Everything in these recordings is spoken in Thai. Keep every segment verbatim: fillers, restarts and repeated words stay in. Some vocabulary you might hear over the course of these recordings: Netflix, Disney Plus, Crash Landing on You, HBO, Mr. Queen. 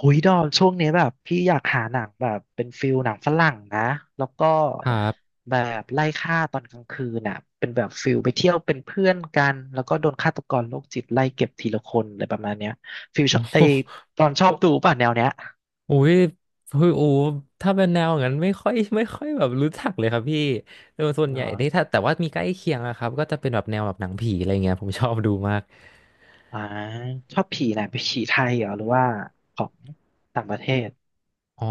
หุยดอมช่วงนี้แบบพี่อยากหาหนังแบบเป็นฟิลหนังฝรั่งนะแล้วก็ครับแบบไล่ฆ่าตอนกลางคืนน่ะเป็นแบบฟิลไปเที่ยวเป็นเพื่อนกันแล้วก็โดนฆาตกรโรคจิตไล่เก็บทีละคนอะไรประมาณเนี้ยฟิลชโอ้อบไอโหตอนชอบดูป่ะแนวเนี้ยอุ้ยคือโอ้ถ้าเป็นแนวอย่างนั้นไม่ค่อย ไม่ค่อยแบบรู้จักเลยครับพี่โดยส่วนเหรใหญ่อนี่ถ้าแต่ว่ามีใกล้เคียงอะครับก็จะเป็นแบบแนวแบบหนังผีอะไรเงี้ยผมชอบดูมากอ่าชอบผีไหนไปนผีไทยเหรอหรือว่าของต่างประเทศอ๋อ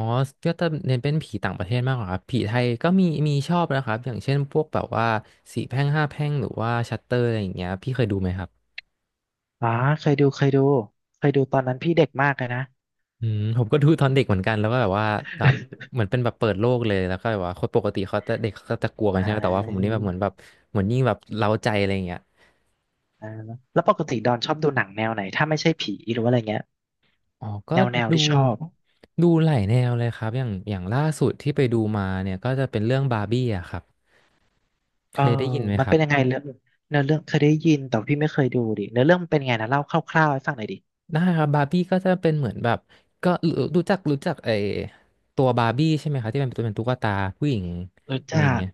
ก็จะเน้นเป็นผีต่างประเทศมากกว่าครับผีไทยก็มีมีชอบนะครับอย่างเช่นพวกแบบว่าสี่แพร่งห้าแพร่งหรือว่าชัตเตอร์อะไรอย่างเงี้ยพี่เคยดูไหมครับอ๋อเคยดูเคยดูเคยดูตอนนั้นพี่เด็กมากเลยนะ อืมผมก็ดูตอนเด็กเหมือนกันแล้วก็แบบว่าแบบ เหมือนเป็นแบบเปิดโลกเลยแล้วก็แบบว่าคนปกติเขาจะเด็กเขาจะกลัวกันอ่าใช่ไหมแต่ว่าผมนี่แบบเหมือนแบบเหมือนยิ่งแบบเร้าใจอะไรอย่างเงี้ย อ่าแล้วปกติดอนชอบดูหนังแนวไหนถ้าไม่ใช่ผีหรือว่าอะไรเงี้ย อ๋อก็แนวแนวดูที่ชอบดูหลายแนวเลยครับอย่างอย่างล่าสุดที่ไปดูมาเนี่ยก็จะเป็นเรื่องบาร์บี้อะครับเคเออยได้ยินไหมมันครัเป็บนยังไงเรื่องเนื้อเรื่องเคยได้ยินแต่พี่ไม่เคยดูดิเนื้อเรื่องมันเป็นไงนะเล่าคร่าวๆให้ฟังหน่อยดิได้ครับบาร์บี้ก็จะเป็นเหมือนแบบก็รู้รู้จักรู้จักไอตัวบาร์บี้ใช่ไหมครับที่เป็นตัวเป็นตุ๊กตาผู้หญิงรู้อะไรอจัย่างกเงี้ย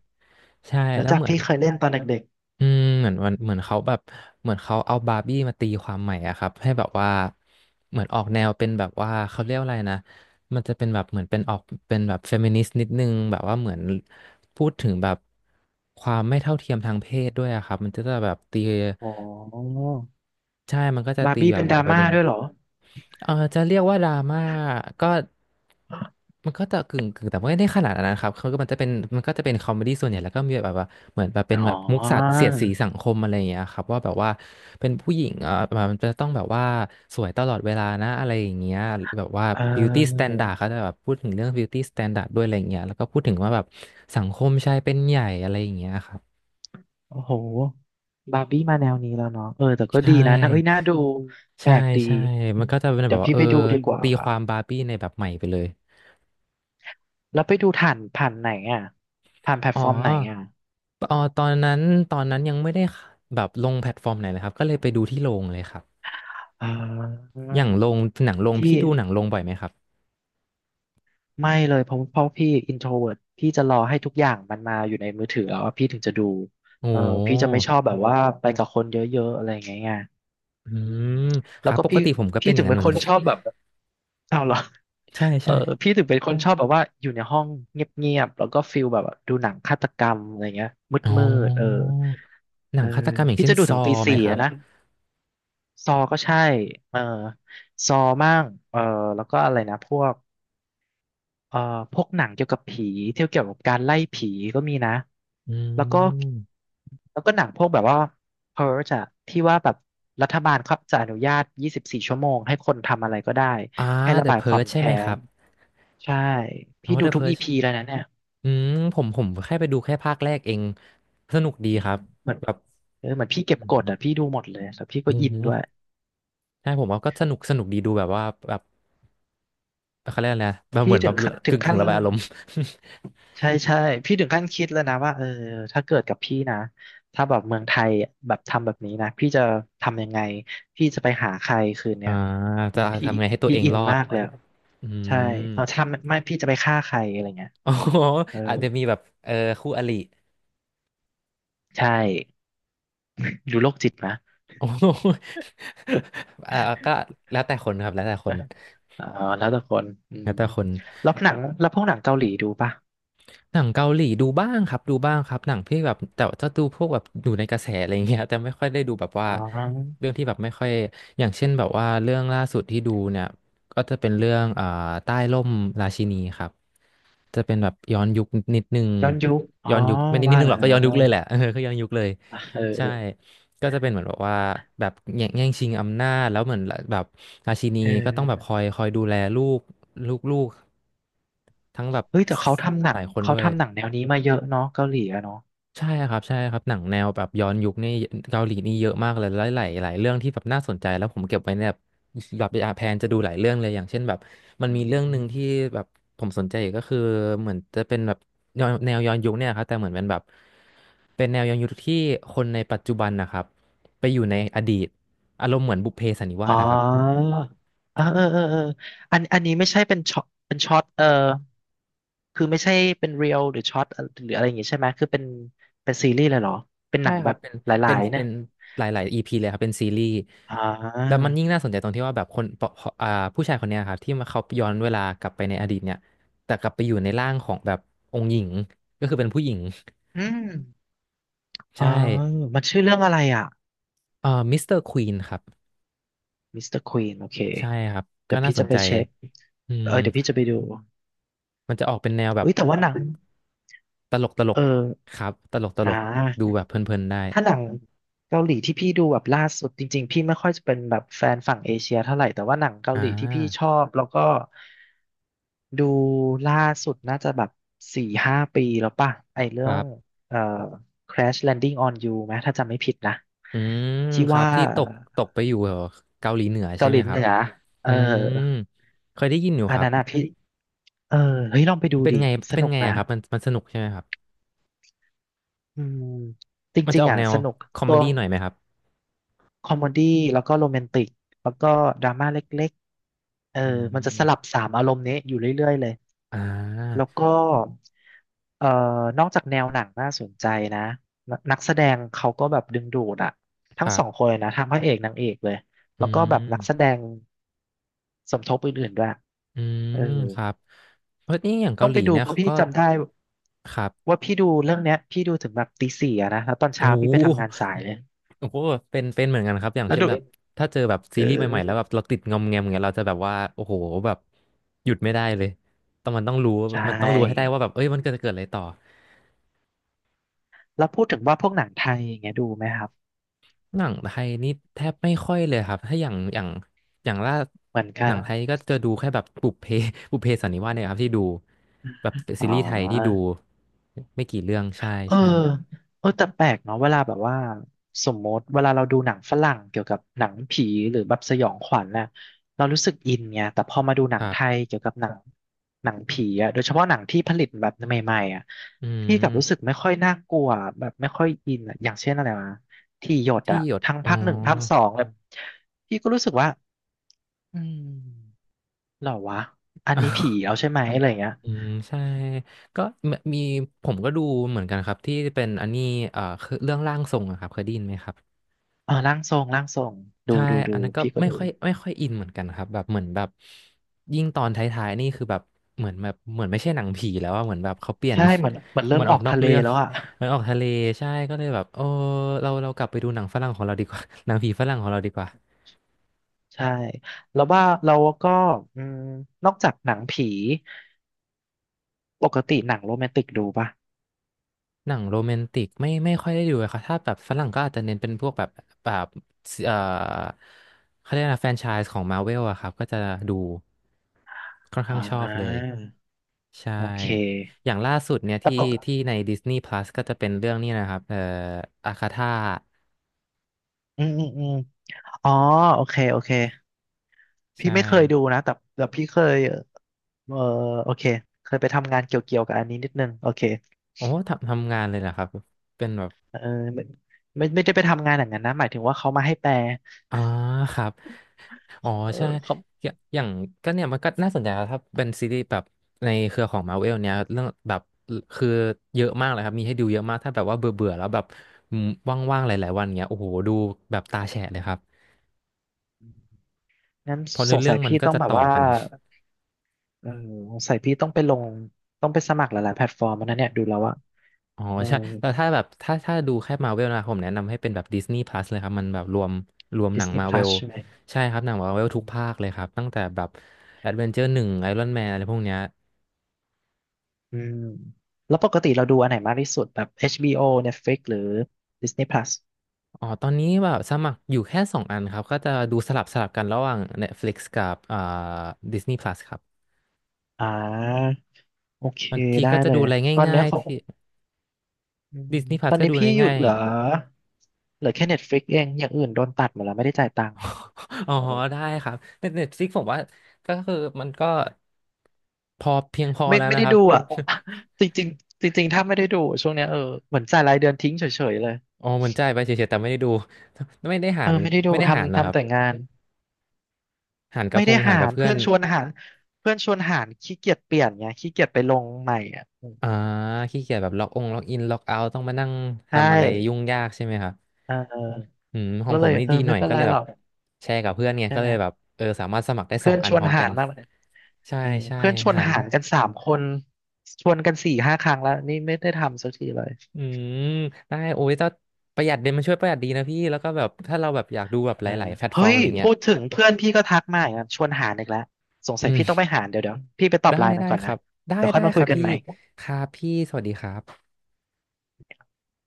ใช่รู้แล้วจักเหมือน พี่เคยเล่นตอนเด็กอืมเหมือนวันเหมือนเขาแบบเหมือนเขาเอาบาร์บี้มาตีความใหม่อะครับให้แบบว่าเหมือนออกแนวเป็นแบบว่าเขาเรียกอะไรนะมันจะเป็นแบบเหมือนเป็นออกเป็นแบบเฟมินิสต์นิดนึงแบบว่าเหมือนพูดถึงแบบความไม่เท่าเทียมทางเพศด้วยอะครับมันจะแบบตีๆอ๋อใช่มันก็จะบาร์ตีบี้แบเป็บนหดลายราประม่าเด็น ด้วยเหรอเออจะเรียกว่าดราม่าก็มันก็จะกึ่งกึ่งแต่ไม่ได้ขนาดนั้นนะครับคือมันจะเป็นมันก็จะเป็นคอมเมดี้ส่วนใหญ่แล้วก็มีแบบว่าเหมือนแบบเป็นอ๋อแบบมุกสัตว์เสียดสีสังคมอะไรอย่างเงี้ยครับว่าแบบว่าเป็นผู้หญิงเออมันจะต้องแบบว่าสวยตลอดเวลานะอะไรอย่างเงี้ยแบบว่า เ beauty ออ standard เขาจะแบบพูดถึงเรื่อง beauty standard ด้วยอะไรอย่างเงี้ยแล้วก็พูดถึงว่าแบบสังคมชายเป็นใหญ่อะไรอย่างเงี้ยครับโอ้โหบาร์บี้มาแนวนี้แล้วเนาะเออแต่ก็ใช่ดีนะนะเอ้ยน่าดูแปใช่ลกดีใช่อืมันมก็จะเป็นเดี๋แบยบวว่าพี่เออไปดูดีกว่าตีความบาร์บี้ในแบบใหม่ไปเลย แล้วไปดูผ่านผ่านไหนอ่ะผ่านแพลอ๋ตอฟอร์มไหนอ่ะอ๋อตอนนั้นตอนนั้นยังไม่ได้แบบลงแพลตฟอร์มไหนเลยครับก็เลยไปดูที่โรงเลยครับอ่าอย่างโรงหนังโรงที่ พี่ดูหนังโรงบ่อยไหมครับไม่เลยเพราะเพราะพี่อินโทรเวิร์พี่จะรอให้ทุกอย่างมันมาอยู่ในมือถือแล้วอะพี่ถึงจะดูโอ้เออพี่จะไม่ชอบแบบว่าไปกับคนเยอะๆอะไรอย่างเงี้ยไงอือืมมคแล้วรับก็ปกพี่ติผมก็เป็พี่นอถึย่างงนั้เป็นนเหมือคนนกัน ชอบแบบเอาเหรอ ใช่เออใช่พี่ถึงเป็นคนชอบแบบว่าอยู่ในห้องเงียบๆแล้วก็ฟิลแบบดูหนังฆาตกรรมอะไรเงี้ยอ๋มืดๆเอออหนัเองอฆาตกรรมอย่างพี่เช่นจะดูซถึองตีไหมสี่ครัอะบนะ ซอก็ใช่เออซอมั่งเออแล้วก็อะไรนะพวก เอ่อพวกหนังเกี่ยวกับผีเที่ยวเกี่ยวกับการไล่ผีก็มีนะอืแล้วก็มแล้วก็หนังพวกแบบว่า p u r g อะที่ว่าแบบรัฐบาลครับจะอนุญาตยี่สิบสี่ชั่วโมงให้คนทำอะไรก็ได้อ่า ให้ระ The บายความ Purge ใช่ไหมแค้ครันบใช่อ๋พี่อ ดู The ทุกอี Purge พีแล้วนะเนี่ยอืมผมผมแค่ไปดูแค่ภาคแรกเองสนุกดีอืคมรับเหมือนแบบเออเหมือนพี่อืเก็บกมดอ่ะพี่ดูหมดเลยแล้วพี่ก็โอ้อินโหด้วยใช่ผมว่าก็สนุกสนุกดีดูแบบว่าแบบ เขาเรียกอะไรนะแบบเหพี่มือนถึแบงบขั้นถึกึ่งงกึ่ขั้งน ระบายอารมณ์ ใช่ใช่พี่ถึงขั้นคิดแล้วนะว่าเออถ้าเกิดกับพี่นะถ้าแบบเมืองไทยแบบทำแบบนี้นะพี่จะทำยังไงพี่จะไปหาใครคืน เนี้อ่ายอืจะมพี่ทำไงให้ตัวพี่เองอิรนอดมากเลยอืใช่มเอาถ้าไม่ไม่พี่จะไปฆ่าใครอะไรเงี้ยอ๋อเอออาจจะมีแบบเออคู่อริใช่ดูโรคจิตนะโอ้ โหอ่าก็แล้วแต่คนครับแล้วแต่คนอ๋อแล้วแต่คนอืแล้มวแต่คนแล้วหนังแล้วพวกหนังเกาหลีดูป่ะหนังเกาหลีดูบ้างครับดูบ้างครับหนังที่แบบแต่จะดูพวกแบบอยู่ในกระแสอะไรอย่างเงี้ยแต่ไม่ค่อยได้ดูแบบว่าอ๋อเรื่องที่แบบไม่ค่อยอย่างเช่นแบบว่าเรื่องล่าสุดที่ดูเนี่ยก็จะเป็นเรื่องอ่าใต้ร่มราชินีครับ จะเป็นแบบย้อนยุคนิดนึงย้อนยุคอ๋อย้อนยุคไม่นิดนิว่าดนึงหรแล้อกก็ย้อนยุควเลยแหละเออก็ย้อนยุคเลยอ่ะเออใช่ก็จะเป็นเหมือนแบบว่าแบบแย่งแย่งชิงอำนาจแล้วเหมือนแบบราชินีเอก็ต้องแบบคออยคอยดูแลลูกลูกลูกทั้งแบบเฮ้ยแต่เขาทำหนัหงลายคนเขาด้วย ทำหนังแนวนี้มาเยอะเนาะเกาหลีอะเนาะ ใช่ครับใช่ครับหนังแนวแบบย้อนยุคนี่เกาหลีนี่เยอะมากเลยหลายหลายหลายเรื่องที่แบบน่าสนใจแล้วผมเก็บไว้เนี่ยแบบแบบแพลนจะดูหลายเรื่องเลยอย่างเช่นแบบมันมีเรื่องหนึ่งที่แบบผมสนใจอีกก็คือเหมือนจะเป็นแบบย้อนแนวย้อนยุคเนี่ยครับแต่เหมือนเป็นแบบเป็นแนวย้อนยุคที่คนในปัจจุบันนะครับไปอยู่ในอดีตอารมณ์เหมือนบุพเพสันนิวาอ๋สอะครับ อเออเออเออเอออันอันนี้ไม่ใช่เป็นช็อตเป็นช็อตเออคือไม่ใช่เป็นเรียลหรือช็อตหรืออะไรอย่างงี้ใช่ไหม คือเป็น เป็นซีรีส์เลยเหรอ เป็นหใช่นังคแบรับบเป็นหลาเป็นยๆเนี่เป็ยนหลายๆ อี พี เลยครับเป็นซีรีส์อ่าแล้วมันยิ่งน่าสนใจตรงที่ว่าแบบคนปอ่าผู้ชายคนเนี้ยครับที่มาเขาย้อนเวลากลับไปในอดีตเนี่ยแต่กลับไปอยู่ในร่างของแบบองค์หญิงก็คือเป็นผู้หญิง อืม อ๋อใช่มันชื่อเรื่องอะไรอ่ะเอ่อมิสเตอร์ควีนครับมิสเตอร์ควีนโอเคใช่ครับก็เดี๋ยวน่าพี่สจะนไปใจเช็คอืมเออเดี๋ยวพี่จะไปดูมันจะออกเป็นแนวแบเฮ้บยแต่ว่าหนังตลกตลเอกอครับตลกตอ่ลกดูา แบบเพลินๆได้ถ้าหนังเกาหลีที่พี่ดูแบบล่าสุดจริงๆพี่ไม่ค่อยจะเป็นแบบแฟนฝั่งเอเชียเท่าไหร่แต่ว่าหนังเกาอ่หลีที่พี่ชอาบแล้วก็ดูล่าสุดน่าจะแบบสี่ห้าปีแล้วป่ะไอเรื่คอรังบเอ่อ Crash Landing on You ไหมถ้าจำไม่ผิดนะอืมที่ครับว่าที่ตกตกไปอยู่เหรอเกาหลีเหนือใช่เกาหไหมลีคเหรับ นือ่เออือมเคยได้ยินอยู่อันครับนั้นอะพี่เออเฮ้ยลองไปดูเป็นดิไงสเป็นนุกไงนะอะครับมันมันสนุกใช่ไหมครับอืมจมันจะริงอๆอกอ่ะแนวสนุกคอมเมตัว ดี้หน่อยไหมครับคอมเมดี้แล้วก็โรแมนติกแล้วก็ดราม่าเล็กๆเอออืมันจะสลับมสามอารมณ์นี้อยู่เรื่อยๆเลยอ่แล้วาก็เอ่อนอกจากแนวหนังน่าสนใจนะนนักแสดงเขาก็แบบดึงดูดอะทั้คงรัสองคบนเลยนะทั้งพระเอกนางเอกเลยอืแล้วก็แบบนักแสมดงสมทบอื่นๆด้วยอืเออมครับเพราะนี่อย่างต้เกาองหไปลีดูเนี่ยเพราะเขาพี่ก็จำได้ครับว่าพี่ดูเรื่องเนี้ยพี่ดูถึงแบบตีสี่อะนะแล้วตอนโอ้เช้าพี่โไปทำงานหสายเลยโอ้โหเป็นเป็นเหมือนกันครับอย่างแล้วเช่นดูแบบถ้าเจอแบบเซีรีส์ใหม่ๆแล้วออแบบเราติดงอมแงมอย่างเงี้ยเราจะแบบว่าโอ้โหแบบหยุดไม่ได้เลยต้องมันต้องรู้ใช่ มันต้องรู้ให้ได้ว่าแบบเอ้ยมันเกิดจะเกิดอะไรต่อ แล้วพูดถึงว่าพวกหนังไทยอย่างเงี้ยดูไหมครับหนังไทยนี่แทบไม่ค่อยเลยครับถ้าอย่างอย่างอย่างล่าเหมือนดูกัหนันงไทยก็จะดูแค่แบบบุพเพ บุพเพสันนิวาสเนี่ยครับที่ดูแบบอ๋ซีรีส์ไทยที่ดูอไม่กี่เรื่องใช่เออใช่เออแต่แปลกเนาะเวลาแบบว่าสมมติเวลาเราดูหนังฝรั่งเกี่ยวกับหนังผีหรือแบบสยองขวัญน่ะเรารู้สึกอินไงแต่พอมาดูหนัคงรัไทยบเกี่ยวกับหนังหนังผีอะโดยเฉพาะหนังที่ผลิตแบบใหม่ๆอะอืพี่กลับรู้สึกมไม่ค่อยน่ากลัวแบบไม่ค่อยอินอะอย่างเช่นอะไรมาที่หยดที่อะหยดทั้งอ๋อ ภาคหนึ่งภาคสองเลยพี่ก็รู้สึกว่าอืม เหรอวะอันนี้ผี เอาใช่ไหมอะไรเงี้ยอืมใช่ก็มมีผมก็ดูเหมือนกันครับที่เป็นอันนี้เอ่อคือเรื่องร่างทรงอะครับเคยได้ยินไหมครับ เอ๋อร่างทรงร่างทรงดูใช่ ดูอัดูนนั้นก็พี่ก็ไม่ดูค่อยไม่ค่อยอินเหมือนกันครับแบบเหมือนแบบยิ่งตอนท้ายๆนี่คือแบบเหมือนแบบเหมือนไม่ใช่หนังผีแล้วอะเหมือนแบบเขาเปลี่ยน ใช่เหมือนเหมือน เริ่มัมนออออกกนอกทะเลเรื่องแล้วอ่ะมันออกทะเลใช่ก็เลยแบบโอ้เราเรากลับไปดูหนังฝรั่งของเราดีกว่า หนังผีฝรั่งของเราดีกว่าใช่แล้วว่าเราก็อืมนอกจากหนังผีปกติหนังโรแมนติกดูป่ะหนังโรแมนติกไม่ไม่ค่อยได้ดูเลยครับถ้าแบบฝรั่งก็อาจจะเน้นเป็นพวกแบบแบบเอ่อเขาเรียกอะไรนะแฟรนไชส์ของมาเวลอะครับก็จะดูค่อนข้าอ่างชอบเลย ใช่ โอเคอย่างล่าสุดเนี่ยแต่ที่ปกที่ใน Disney Plus ก็จะเป็นเรื่องนี้นะครับ เอ่ออาคาธาอืมอืมอืมอ๋อโอเคโอเคพี่ใช่ไม่เคยดูนะแต่แต่พี่เคยเออโอเคเคยไปทำงานเกี่ยวเกี่ยวกับอันนี้นิดนึงโอเคโอ้ทำทำงานเลยเหรอครับเป็นแบบเออไม่ไม่ไม่ได้ไปทำงานอย่างนั้นนะหมายถึงว่าเขามาให้แปล อ๋อครับอ๋อเออใช่เขาอย่าอย่างก็เนี่ยมันก็น่าสนใจครับถ้าเป็นซีรีส์แบบในเครือของ มาร์เวล เนี่ยเรื่องแบบคือเยอะมากเลยครับมีให้ดูเยอะมากถ้าแบบว่าเบื่อเบื่อแล้วแบบอืมว่างๆหลายๆวันเงี้ยโอ้โหดูแบบตาแฉะเลยครับงั้นเพราะสเนื้องเรื่สัองยมันพี่ก็ต้องจะแบบต่อว่ากัน เออสงสัยพี่ต้องไปลงต้องไปสมัครหลายๆแพลตฟอร์มแล้วนะเนี่ยดูแล้วอะอ๋อเออ ใช่แต่ถ้าแบบถ้าถ้าดูแค่มาเวลนะผมแนะนำให้เป็นแบบดิสนีย์พลัสเลยครับมันแบบรวมรวมหนัง Disney มาเว Plus ลใช่ไหมใช่ครับหนังมาเวลทุกภาคเลยครับตั้งแต่แบบแอดเวนเจอร์หนึ่งไอรอนแมนอะไรพวกเนี้ยอืมแล้วปกติเราดูอันไหนมากที่สุดแบบ เอช บี โอ Netflix หรือ Disney Plus อ๋อตอนนี้แบบสมัครอยู่แค่สองอันครับก็จะดูสลับสลับกันระหว่าง Netflix กับอ่า ดิสนีย์ พลัส ครับอ่าโอเคบางทีได้ก็จะเลดูยอะไรตอนง่าเนี้ยยขๆองที่ อืม Disney ต Plus อนก็นี้ดูอะไรพี่หยุดง่ายเหลือเหลือแค่ Netflix เองอย่างอื่นโดนตัดหมดแล้วไม่ได้จ่ายตังค์ ๆ อ๋อได้ครับแต่ Netflix ผมว่าก็คือมันก็พอเพียงพอไม่แล้วไม่นะได้ครับ ดูอ่ะ จริงจริงจริงๆถ้าไม่ได้ดูช่วงเนี้ยเออเหมือนจ่ายรายเดือนทิ้งเฉยๆเลยอ๋อมันจ่ายไปเฉยๆแต่ไม่ได้ดู ไม่ได้หาเออรไม่ได้ดูไม่ได้หารเหรทำอคทำรับแต่งานหารกับไม่พได้งหาหารกับรเพื่อเพื่อน นชวนหารเพื่อนชวนหารขี้เกียจเปลี่ยนไงขี้เกียจไปลงใหม่อ่ะอืมอ่า ขี้เกียจแบบล็อกองล็อกอินล็อกเอาต้องมานั่งใช่ทำอะไรยุ่งยากใช่ไหมครับเอออืมของก็ผเลมยนี่เออดีหน่ไม่อยเป็นก็ไรเลยหแบรบอกแชร์กับเพื่อนไงใช่ก็ไหเลมยแบบเออสามารถสมัครได้สเพื่อองนอัชนวพนร้อมหากันรมากเลยใช่อืมใช่เพื่อนชวนหันหารกันสามคนชวนกันสี่ห้าครั้งแล้วนี่ไม่ได้ทำสักทีเลย อืมได้โอ้ยถ้าประหยัดเดนี่ยมันช่วยประหยัดดีนะพี่ แล้วก็แบบถ้าเราแบบอยากดูแบบหเออลายๆแพลตฟเฮ้อร์มย อะไรเงี้พูยดถึงเพื่อนพี่ก็ทักมาอีกแล้วชวนหารอีกแล้วสงอืสัยมพี่ต้องไปหารเดี๋ยวเดี๋ยวพี่ไปตอบได้ไลน์มันได้ก่อนคนะรับ ได้เดี๋ยวค่อได้ยมาคคุยรับกันพี่ใหม่ครับพี่สวัสดีครับ